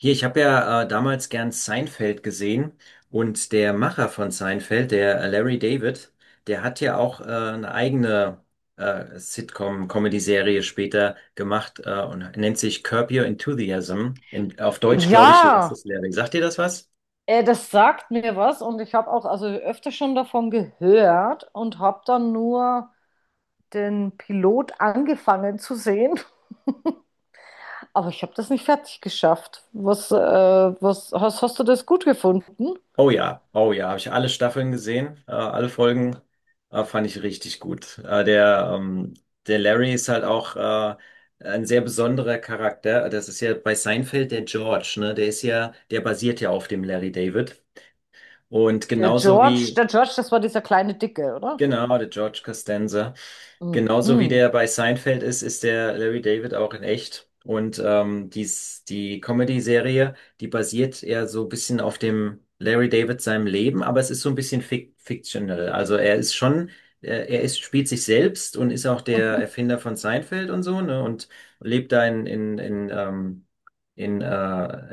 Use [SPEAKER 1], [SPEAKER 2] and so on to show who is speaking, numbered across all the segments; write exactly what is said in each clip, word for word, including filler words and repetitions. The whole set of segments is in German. [SPEAKER 1] Hier, ich habe ja äh, damals gern Seinfeld gesehen, und der Macher von Seinfeld, der äh, Larry David, der hat ja auch äh, eine eigene äh, Sitcom-Comedy-Serie später gemacht, äh, und nennt sich Curb Your Enthusiasm. In, auf Deutsch glaube ich, Lass
[SPEAKER 2] Ja,
[SPEAKER 1] es Larry. Sagt dir das was?
[SPEAKER 2] äh, das sagt mir was und ich habe auch also öfter schon davon gehört und habe dann nur den Pilot angefangen zu sehen, aber ich habe das nicht fertig geschafft. Was, äh, was hast, hast du das gut gefunden?
[SPEAKER 1] Oh ja, oh ja, habe ich alle Staffeln gesehen, äh, alle Folgen, äh, fand ich richtig gut. Äh, der, ähm, der Larry ist halt auch äh, ein sehr besonderer Charakter. Das ist ja bei Seinfeld der George, ne? Der ist ja, der basiert ja auf dem Larry David. Und
[SPEAKER 2] Der
[SPEAKER 1] genauso
[SPEAKER 2] George,
[SPEAKER 1] wie,
[SPEAKER 2] der George, das war dieser kleine Dicke, oder?
[SPEAKER 1] genau, der George Costanza.
[SPEAKER 2] Mhm.
[SPEAKER 1] Genauso wie
[SPEAKER 2] Mhm.
[SPEAKER 1] der bei Seinfeld ist, ist der Larry David auch in echt. Und ähm, dies, die Comedy-Serie, die basiert eher so ein bisschen auf dem Larry David seinem Leben, aber es ist so ein bisschen fic fictional. Also er ist schon, er, er ist, spielt sich selbst und ist auch der Erfinder von Seinfeld und so, ne? Und lebt da in, in, in, ähm, in äh,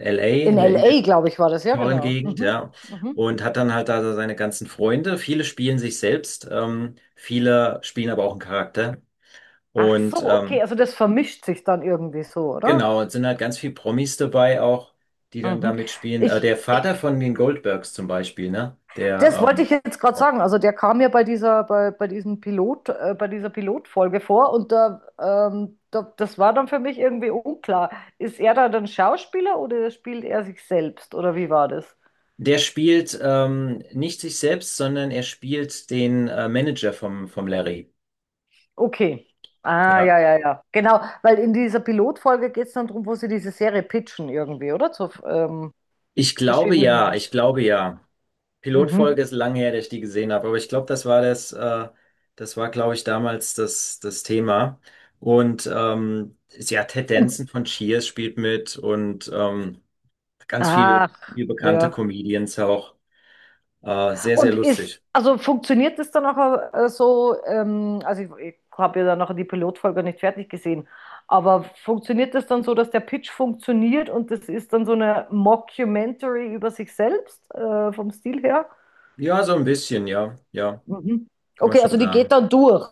[SPEAKER 1] L A,
[SPEAKER 2] In
[SPEAKER 1] in der, in
[SPEAKER 2] L A, glaube ich, war das, ja,
[SPEAKER 1] tollen
[SPEAKER 2] genau.
[SPEAKER 1] Gegend,
[SPEAKER 2] Mhm.
[SPEAKER 1] ja.
[SPEAKER 2] Mhm.
[SPEAKER 1] Und hat dann halt da so seine ganzen Freunde. Viele spielen sich selbst, ähm, viele spielen aber auch einen Charakter.
[SPEAKER 2] Ach
[SPEAKER 1] Und
[SPEAKER 2] so, okay,
[SPEAKER 1] ähm,
[SPEAKER 2] also das vermischt sich dann irgendwie so, oder?
[SPEAKER 1] genau, es sind halt ganz viel Promis dabei auch, die dann da
[SPEAKER 2] Mhm.
[SPEAKER 1] mitspielen. Äh,
[SPEAKER 2] Ich,
[SPEAKER 1] der Vater von den Goldbergs zum Beispiel, ne?
[SPEAKER 2] Das
[SPEAKER 1] Der
[SPEAKER 2] wollte
[SPEAKER 1] ähm,
[SPEAKER 2] ich jetzt gerade
[SPEAKER 1] Auch.
[SPEAKER 2] sagen. Also der kam ja bei dieser, bei, bei diesem Pilot, äh, bei dieser Pilotfolge vor und da, ähm, da, das war dann für mich irgendwie unklar. Ist er da dann Schauspieler oder spielt er sich selbst oder wie war das?
[SPEAKER 1] Der spielt ähm, nicht sich selbst, sondern er spielt den äh, Manager vom, vom Larry.
[SPEAKER 2] Okay. Ah, ja,
[SPEAKER 1] Ja.
[SPEAKER 2] ja, ja. Genau, weil in dieser Pilotfolge geht es dann darum, wo sie diese Serie pitchen irgendwie, oder? Zu ähm,
[SPEAKER 1] Ich glaube ja,
[SPEAKER 2] verschiedenen.
[SPEAKER 1] ich glaube ja.
[SPEAKER 2] Mhm.
[SPEAKER 1] Pilotfolge ist lange her, dass ich die gesehen habe, aber ich glaube, das war das, äh, das war, glaube ich, damals das, das Thema. Und ähm, ja, Ted
[SPEAKER 2] Und,
[SPEAKER 1] Danson von Cheers spielt mit, und ähm, ganz viel,
[SPEAKER 2] ach,
[SPEAKER 1] viel bekannte
[SPEAKER 2] ja.
[SPEAKER 1] Comedians auch. Äh, sehr, sehr
[SPEAKER 2] Und ist,
[SPEAKER 1] lustig.
[SPEAKER 2] also funktioniert das dann auch äh, so, ähm, also ich, ich habe ja dann noch die Pilotfolge nicht fertig gesehen, aber funktioniert das dann so, dass der Pitch funktioniert und das ist dann so eine Mockumentary über sich selbst, äh, vom Stil her?
[SPEAKER 1] Ja, so ein bisschen, ja, ja,
[SPEAKER 2] Mhm.
[SPEAKER 1] kann man
[SPEAKER 2] Okay,
[SPEAKER 1] schon
[SPEAKER 2] also die geht
[SPEAKER 1] sagen.
[SPEAKER 2] dann durch,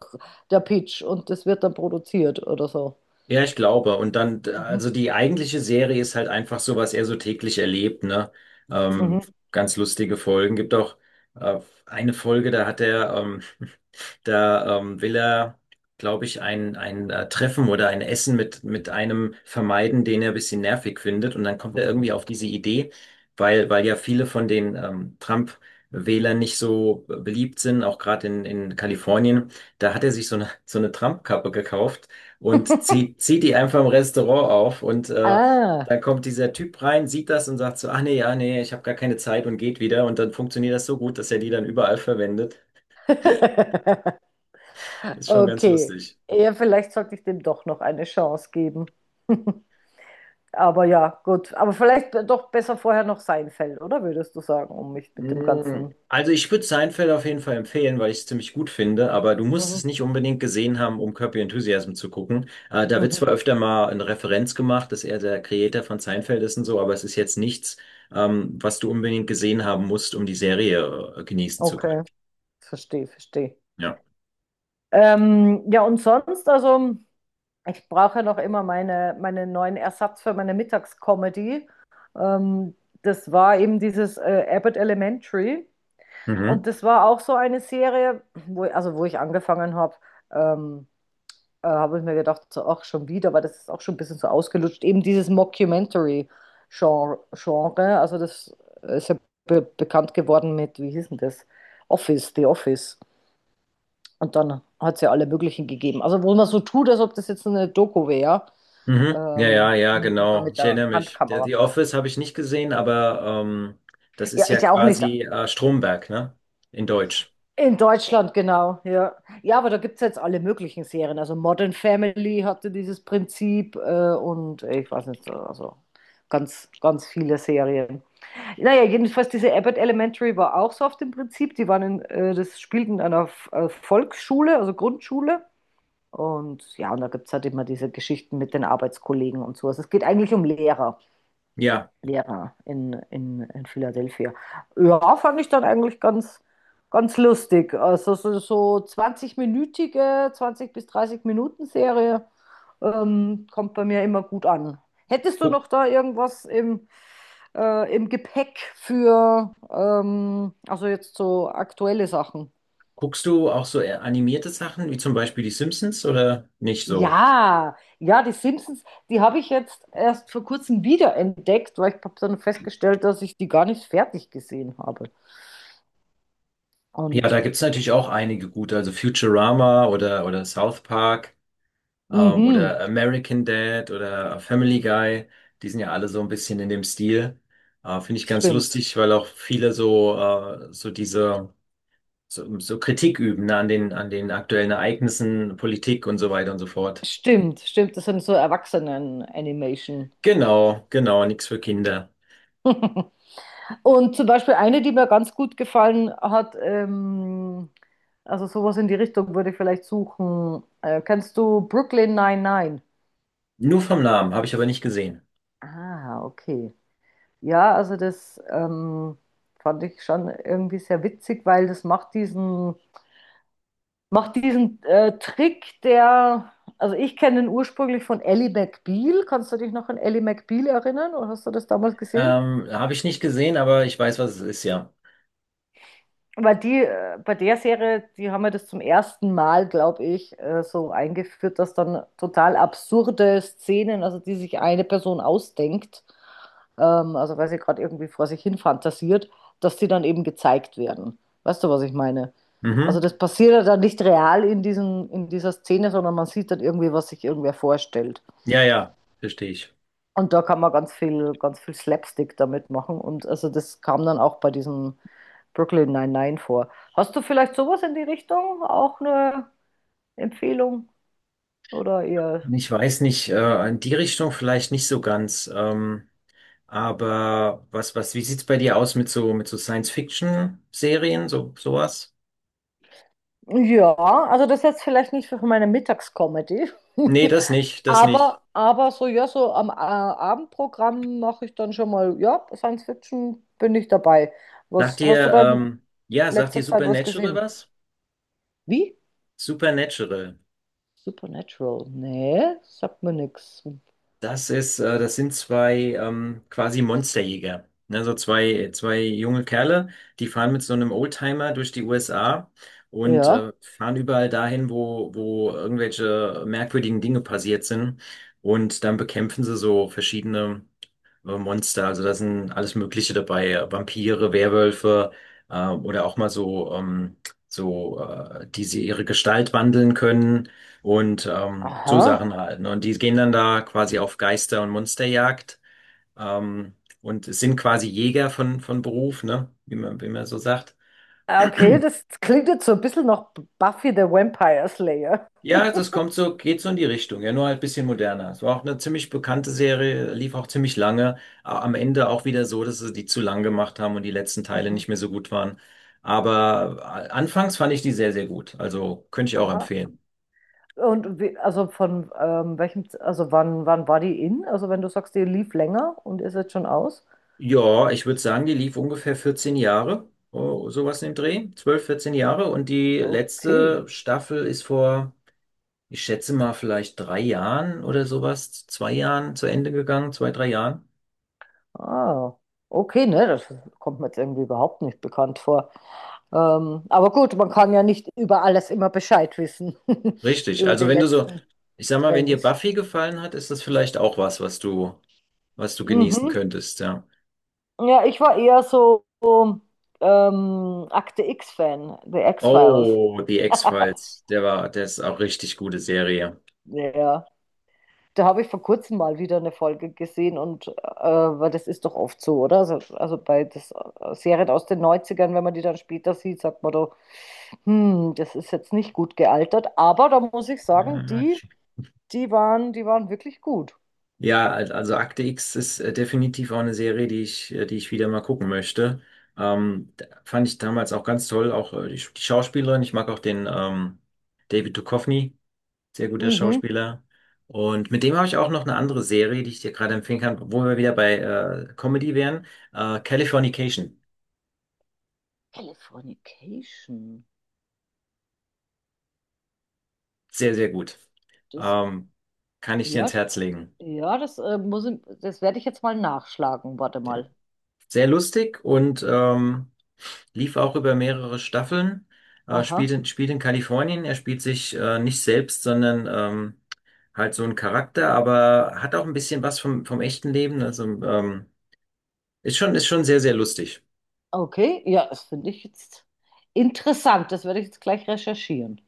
[SPEAKER 2] der Pitch, und das wird dann produziert oder so.
[SPEAKER 1] Ja, ich glaube. Und dann,
[SPEAKER 2] Mhm.
[SPEAKER 1] also die eigentliche Serie ist halt einfach so, was er so täglich erlebt, ne? Ähm,
[SPEAKER 2] Mhm.
[SPEAKER 1] ganz lustige Folgen. Gibt auch äh, eine Folge, da hat er, ähm, da ähm, will er, glaube ich, ein, ein äh, Treffen oder ein Essen mit, mit einem vermeiden, den er ein bisschen nervig findet. Und dann kommt er irgendwie auf diese Idee, weil, weil ja viele von den ähm, Trump-Wählern nicht so beliebt sind, auch gerade in, in Kalifornien. Da hat er sich so eine, so eine Trump-Kappe gekauft und zieht, zieht die einfach im Restaurant auf, und äh,
[SPEAKER 2] Ah,
[SPEAKER 1] dann kommt dieser Typ rein, sieht das und sagt so: ah nee, ja, nee, ich habe gar keine Zeit, und geht wieder, und dann funktioniert das so gut, dass er die dann überall verwendet. Ist schon ganz
[SPEAKER 2] okay.
[SPEAKER 1] lustig.
[SPEAKER 2] Ja, vielleicht sollte ich dem doch noch eine Chance geben. Aber ja, gut. Aber vielleicht doch besser vorher noch Seinfeld, oder würdest du sagen, um mich mit dem
[SPEAKER 1] Mm,
[SPEAKER 2] Ganzen.
[SPEAKER 1] also ich würde Seinfeld auf jeden Fall empfehlen, weil ich es ziemlich gut finde, aber du musst es
[SPEAKER 2] Mhm.
[SPEAKER 1] nicht unbedingt gesehen haben, um Curb Your Enthusiasm zu gucken. Äh, da wird
[SPEAKER 2] Mhm.
[SPEAKER 1] zwar öfter mal eine Referenz gemacht, dass er der Creator von Seinfeld ist und so, aber es ist jetzt nichts, ähm, was du unbedingt gesehen haben musst, um die Serie äh, genießen zu können.
[SPEAKER 2] Okay, verstehe, verstehe.
[SPEAKER 1] Ja.
[SPEAKER 2] Ähm, ja, und sonst, also ich brauche ja noch immer meine, meinen neuen Ersatz für meine Mittagscomedy. Ähm, das war eben dieses äh, Abbott Elementary.
[SPEAKER 1] Mhm.
[SPEAKER 2] Und das war auch so eine Serie, wo, also wo ich angefangen habe. Ähm, äh, habe ich mir gedacht, so, ach, schon wieder, weil das ist auch schon ein bisschen so ausgelutscht. Eben dieses Mockumentary-Genre, Genre, also das ist ja be bekannt geworden mit, wie hieß denn das? Office, The Office. Und dann hat es ja alle möglichen gegeben. Also wo man so tut, als ob das jetzt eine Doku wäre,
[SPEAKER 1] Mhm. Ja,
[SPEAKER 2] ähm,
[SPEAKER 1] ja, ja,
[SPEAKER 2] und so dann
[SPEAKER 1] genau.
[SPEAKER 2] mit
[SPEAKER 1] Ich
[SPEAKER 2] der
[SPEAKER 1] erinnere mich. Der-
[SPEAKER 2] Handkamera.
[SPEAKER 1] The Office habe ich nicht gesehen, aber ähm, das ist
[SPEAKER 2] Ja,
[SPEAKER 1] ja
[SPEAKER 2] ich ja auch nicht.
[SPEAKER 1] quasi äh, Stromberg, ne? In Deutsch.
[SPEAKER 2] In Deutschland, genau, ja. Ja, aber da gibt es jetzt alle möglichen Serien. Also Modern Family hatte dieses Prinzip äh, und ich weiß nicht, also ganz, ganz viele Serien. Naja, jedenfalls diese Abbott Elementary war auch so auf dem Prinzip. Die waren in, äh, das spielten in einer F- äh, Volksschule, also Grundschule. Und ja, und da gibt es halt immer diese Geschichten mit den Arbeitskollegen und so. Also es geht eigentlich um Lehrer.
[SPEAKER 1] Ja.
[SPEAKER 2] Ja, in, in, in Philadelphia. Ja, fand ich dann eigentlich ganz, ganz lustig. Also so, so zwanzig-minütige, zwanzig minütige zwanzig bis dreißig Minuten Serie ähm, kommt bei mir immer gut an. Hättest du
[SPEAKER 1] Guck,
[SPEAKER 2] noch da irgendwas im, äh, im Gepäck für, ähm, also jetzt so aktuelle Sachen?
[SPEAKER 1] Guckst du auch so eher animierte Sachen, wie zum Beispiel die Simpsons oder nicht so?
[SPEAKER 2] Ja, ja, die Simpsons, die habe ich jetzt erst vor kurzem wiederentdeckt, weil ich habe dann festgestellt, dass ich die gar nicht fertig gesehen habe.
[SPEAKER 1] Ja, da
[SPEAKER 2] Und
[SPEAKER 1] gibt's natürlich auch einige gute, also Futurama oder, oder South Park, ähm,
[SPEAKER 2] mhm,
[SPEAKER 1] oder American Dad oder äh, Family Guy. Die sind ja alle so ein bisschen in dem Stil. Äh, finde ich ganz
[SPEAKER 2] stimmt.
[SPEAKER 1] lustig, weil auch viele so, äh, so diese, so, so Kritik üben, ne, an den, an den aktuellen Ereignissen, Politik und so weiter und so fort.
[SPEAKER 2] Stimmt, stimmt. Das sind so Erwachsenen-Animation.
[SPEAKER 1] Genau, genau, nichts für Kinder.
[SPEAKER 2] Und zum Beispiel eine, die mir ganz gut gefallen hat, ähm, also sowas in die Richtung würde ich vielleicht suchen. Äh, kennst du Brooklyn neunundneunzig?
[SPEAKER 1] Nur vom Namen, habe ich aber nicht gesehen.
[SPEAKER 2] Ah, okay. Ja, also das ähm, fand ich schon irgendwie sehr witzig, weil das macht diesen Macht diesen äh, Trick, der, also ich kenne den ursprünglich von Ally McBeal. Kannst du dich noch an Ally McBeal erinnern oder hast du das damals gesehen?
[SPEAKER 1] Ähm, habe ich nicht gesehen, aber ich weiß, was es ist, ja.
[SPEAKER 2] Weil die, äh, bei der Serie, die haben ja das zum ersten Mal, glaube ich, äh, so eingeführt, dass dann total absurde Szenen, also die sich eine Person ausdenkt, ähm, also weil sie gerade irgendwie vor sich hin fantasiert, dass die dann eben gezeigt werden. Weißt du, was ich meine? Also
[SPEAKER 1] Mhm.
[SPEAKER 2] das passiert ja dann nicht real in diesen, in dieser Szene, sondern man sieht dann irgendwie, was sich irgendwer vorstellt.
[SPEAKER 1] Ja, ja, verstehe ich.
[SPEAKER 2] Und da kann man ganz viel, ganz viel Slapstick damit machen. Und also das kam dann auch bei diesem Brooklyn Nine-Nine vor. Hast du vielleicht sowas in die Richtung? Auch eine Empfehlung? Oder eher.
[SPEAKER 1] Ich weiß nicht, äh, in die Richtung vielleicht nicht so ganz. Ähm, aber was, was, wie sieht's bei dir aus mit so, mit so Science-Fiction-Serien, so, sowas?
[SPEAKER 2] Ja, also das ist jetzt vielleicht nicht für meine Mittagscomedy.
[SPEAKER 1] Nee, das nicht, das nicht.
[SPEAKER 2] Aber, aber so, ja, so am äh, Abendprogramm mache ich dann schon mal, ja, Science Fiction bin ich dabei.
[SPEAKER 1] Sagt
[SPEAKER 2] Was hast du
[SPEAKER 1] dir,
[SPEAKER 2] da in
[SPEAKER 1] ähm, ja, sagt
[SPEAKER 2] letzter
[SPEAKER 1] dir
[SPEAKER 2] Zeit was
[SPEAKER 1] Supernatural
[SPEAKER 2] gesehen?
[SPEAKER 1] was?
[SPEAKER 2] Wie?
[SPEAKER 1] Supernatural.
[SPEAKER 2] Supernatural? Nee, sagt mir nichts.
[SPEAKER 1] Das ist, äh, das sind zwei ähm, quasi Monsterjäger. Ne? So zwei, zwei junge Kerle, die fahren mit so einem Oldtimer durch die U S A, und
[SPEAKER 2] Ja.
[SPEAKER 1] äh, fahren überall dahin, wo, wo irgendwelche merkwürdigen Dinge passiert sind. Und dann bekämpfen sie so verschiedene äh, Monster, also da sind alles Mögliche dabei, äh, Vampire, Werwölfe, äh, oder auch mal so, ähm, so äh, die sie ihre Gestalt wandeln können, und ähm, so
[SPEAKER 2] Aha.
[SPEAKER 1] Sachen halt. Ne? Und die gehen dann da quasi auf Geister- und Monsterjagd, ähm, und sind quasi Jäger von, von Beruf, ne? Wie man, wie man so sagt.
[SPEAKER 2] Ah, okay, das klingt jetzt so ein bisschen nach Buffy the Vampire Slayer.
[SPEAKER 1] Ja, das kommt so, geht so in die Richtung, ja, nur halt ein bisschen moderner. Es war auch eine ziemlich bekannte Serie, lief auch ziemlich lange. A- Am Ende auch wieder so, dass sie die zu lang gemacht haben und die letzten Teile
[SPEAKER 2] Mhm.
[SPEAKER 1] nicht mehr so gut waren. Aber a- anfangs fand ich die sehr, sehr gut. Also könnte ich auch
[SPEAKER 2] Aha.
[SPEAKER 1] empfehlen.
[SPEAKER 2] Und wie, also von ähm, welchem, Z- also wann, wann war die in? Also wenn du sagst, die lief länger und ist jetzt schon aus?
[SPEAKER 1] Ja, ich würde sagen, die lief ungefähr vierzehn Jahre, oh, sowas in dem Dreh. zwölf, vierzehn Jahre. Und die
[SPEAKER 2] Okay.
[SPEAKER 1] letzte Staffel ist vor, ich schätze mal, vielleicht drei Jahren oder sowas, zwei Jahren zu Ende gegangen, zwei, drei Jahren.
[SPEAKER 2] Ah, okay, ne, das kommt mir jetzt irgendwie überhaupt nicht bekannt vor. Ähm, aber gut, man kann ja nicht über alles immer Bescheid wissen,
[SPEAKER 1] Richtig.
[SPEAKER 2] über
[SPEAKER 1] Also
[SPEAKER 2] die
[SPEAKER 1] wenn du so,
[SPEAKER 2] letzten
[SPEAKER 1] ich sag mal, wenn dir
[SPEAKER 2] Trends.
[SPEAKER 1] Buffy gefallen hat, ist das vielleicht auch was, was du, was du genießen
[SPEAKER 2] Mhm.
[SPEAKER 1] könntest, ja.
[SPEAKER 2] Ja, ich war eher so ähm, Akte X-Fan, The X-Files.
[SPEAKER 1] Oh, die X-Files, der war, der ist auch richtig gute Serie.
[SPEAKER 2] Ja. Da habe ich vor kurzem mal wieder eine Folge gesehen und äh, weil das ist doch oft so, oder? Also, also bei das äh, Serien aus den Neunzigern, wenn man die dann später sieht, sagt man doch, hm, das ist jetzt nicht gut gealtert, aber da muss ich sagen, die, die waren, die waren wirklich gut.
[SPEAKER 1] Ja, al- also Akte X ist äh, definitiv auch eine Serie, die ich, äh, die ich wieder mal gucken möchte. Ähm, da- fand ich damals auch ganz toll, auch äh, die, Sch- die Schauspielerin. Ich mag auch den ähm, David Duchovny. Sehr guter
[SPEAKER 2] Mhm.
[SPEAKER 1] Schauspieler. Und mit dem habe ich auch noch eine andere Serie, die ich dir gerade empfehlen kann, wo wir wieder bei äh, Comedy wären. Äh, Californication.
[SPEAKER 2] Californication.
[SPEAKER 1] Sehr, sehr gut.
[SPEAKER 2] Das,
[SPEAKER 1] Ähm, kann ich dir
[SPEAKER 2] ja,
[SPEAKER 1] ans Herz legen.
[SPEAKER 2] ja, das äh, muss ich, das werde ich jetzt mal nachschlagen. Warte
[SPEAKER 1] Ja.
[SPEAKER 2] mal.
[SPEAKER 1] Sehr lustig und ähm, lief auch über mehrere Staffeln. Äh,
[SPEAKER 2] Aha.
[SPEAKER 1] spielt in, spielt in Kalifornien. Er spielt sich äh, nicht selbst, sondern ähm, halt so einen Charakter, aber hat auch ein bisschen was vom, vom echten Leben. Also ähm, ist schon, ist schon
[SPEAKER 2] O-
[SPEAKER 1] sehr, sehr lustig.
[SPEAKER 2] Okay, ja, das finde ich jetzt interessant. Das werde ich jetzt gleich recherchieren.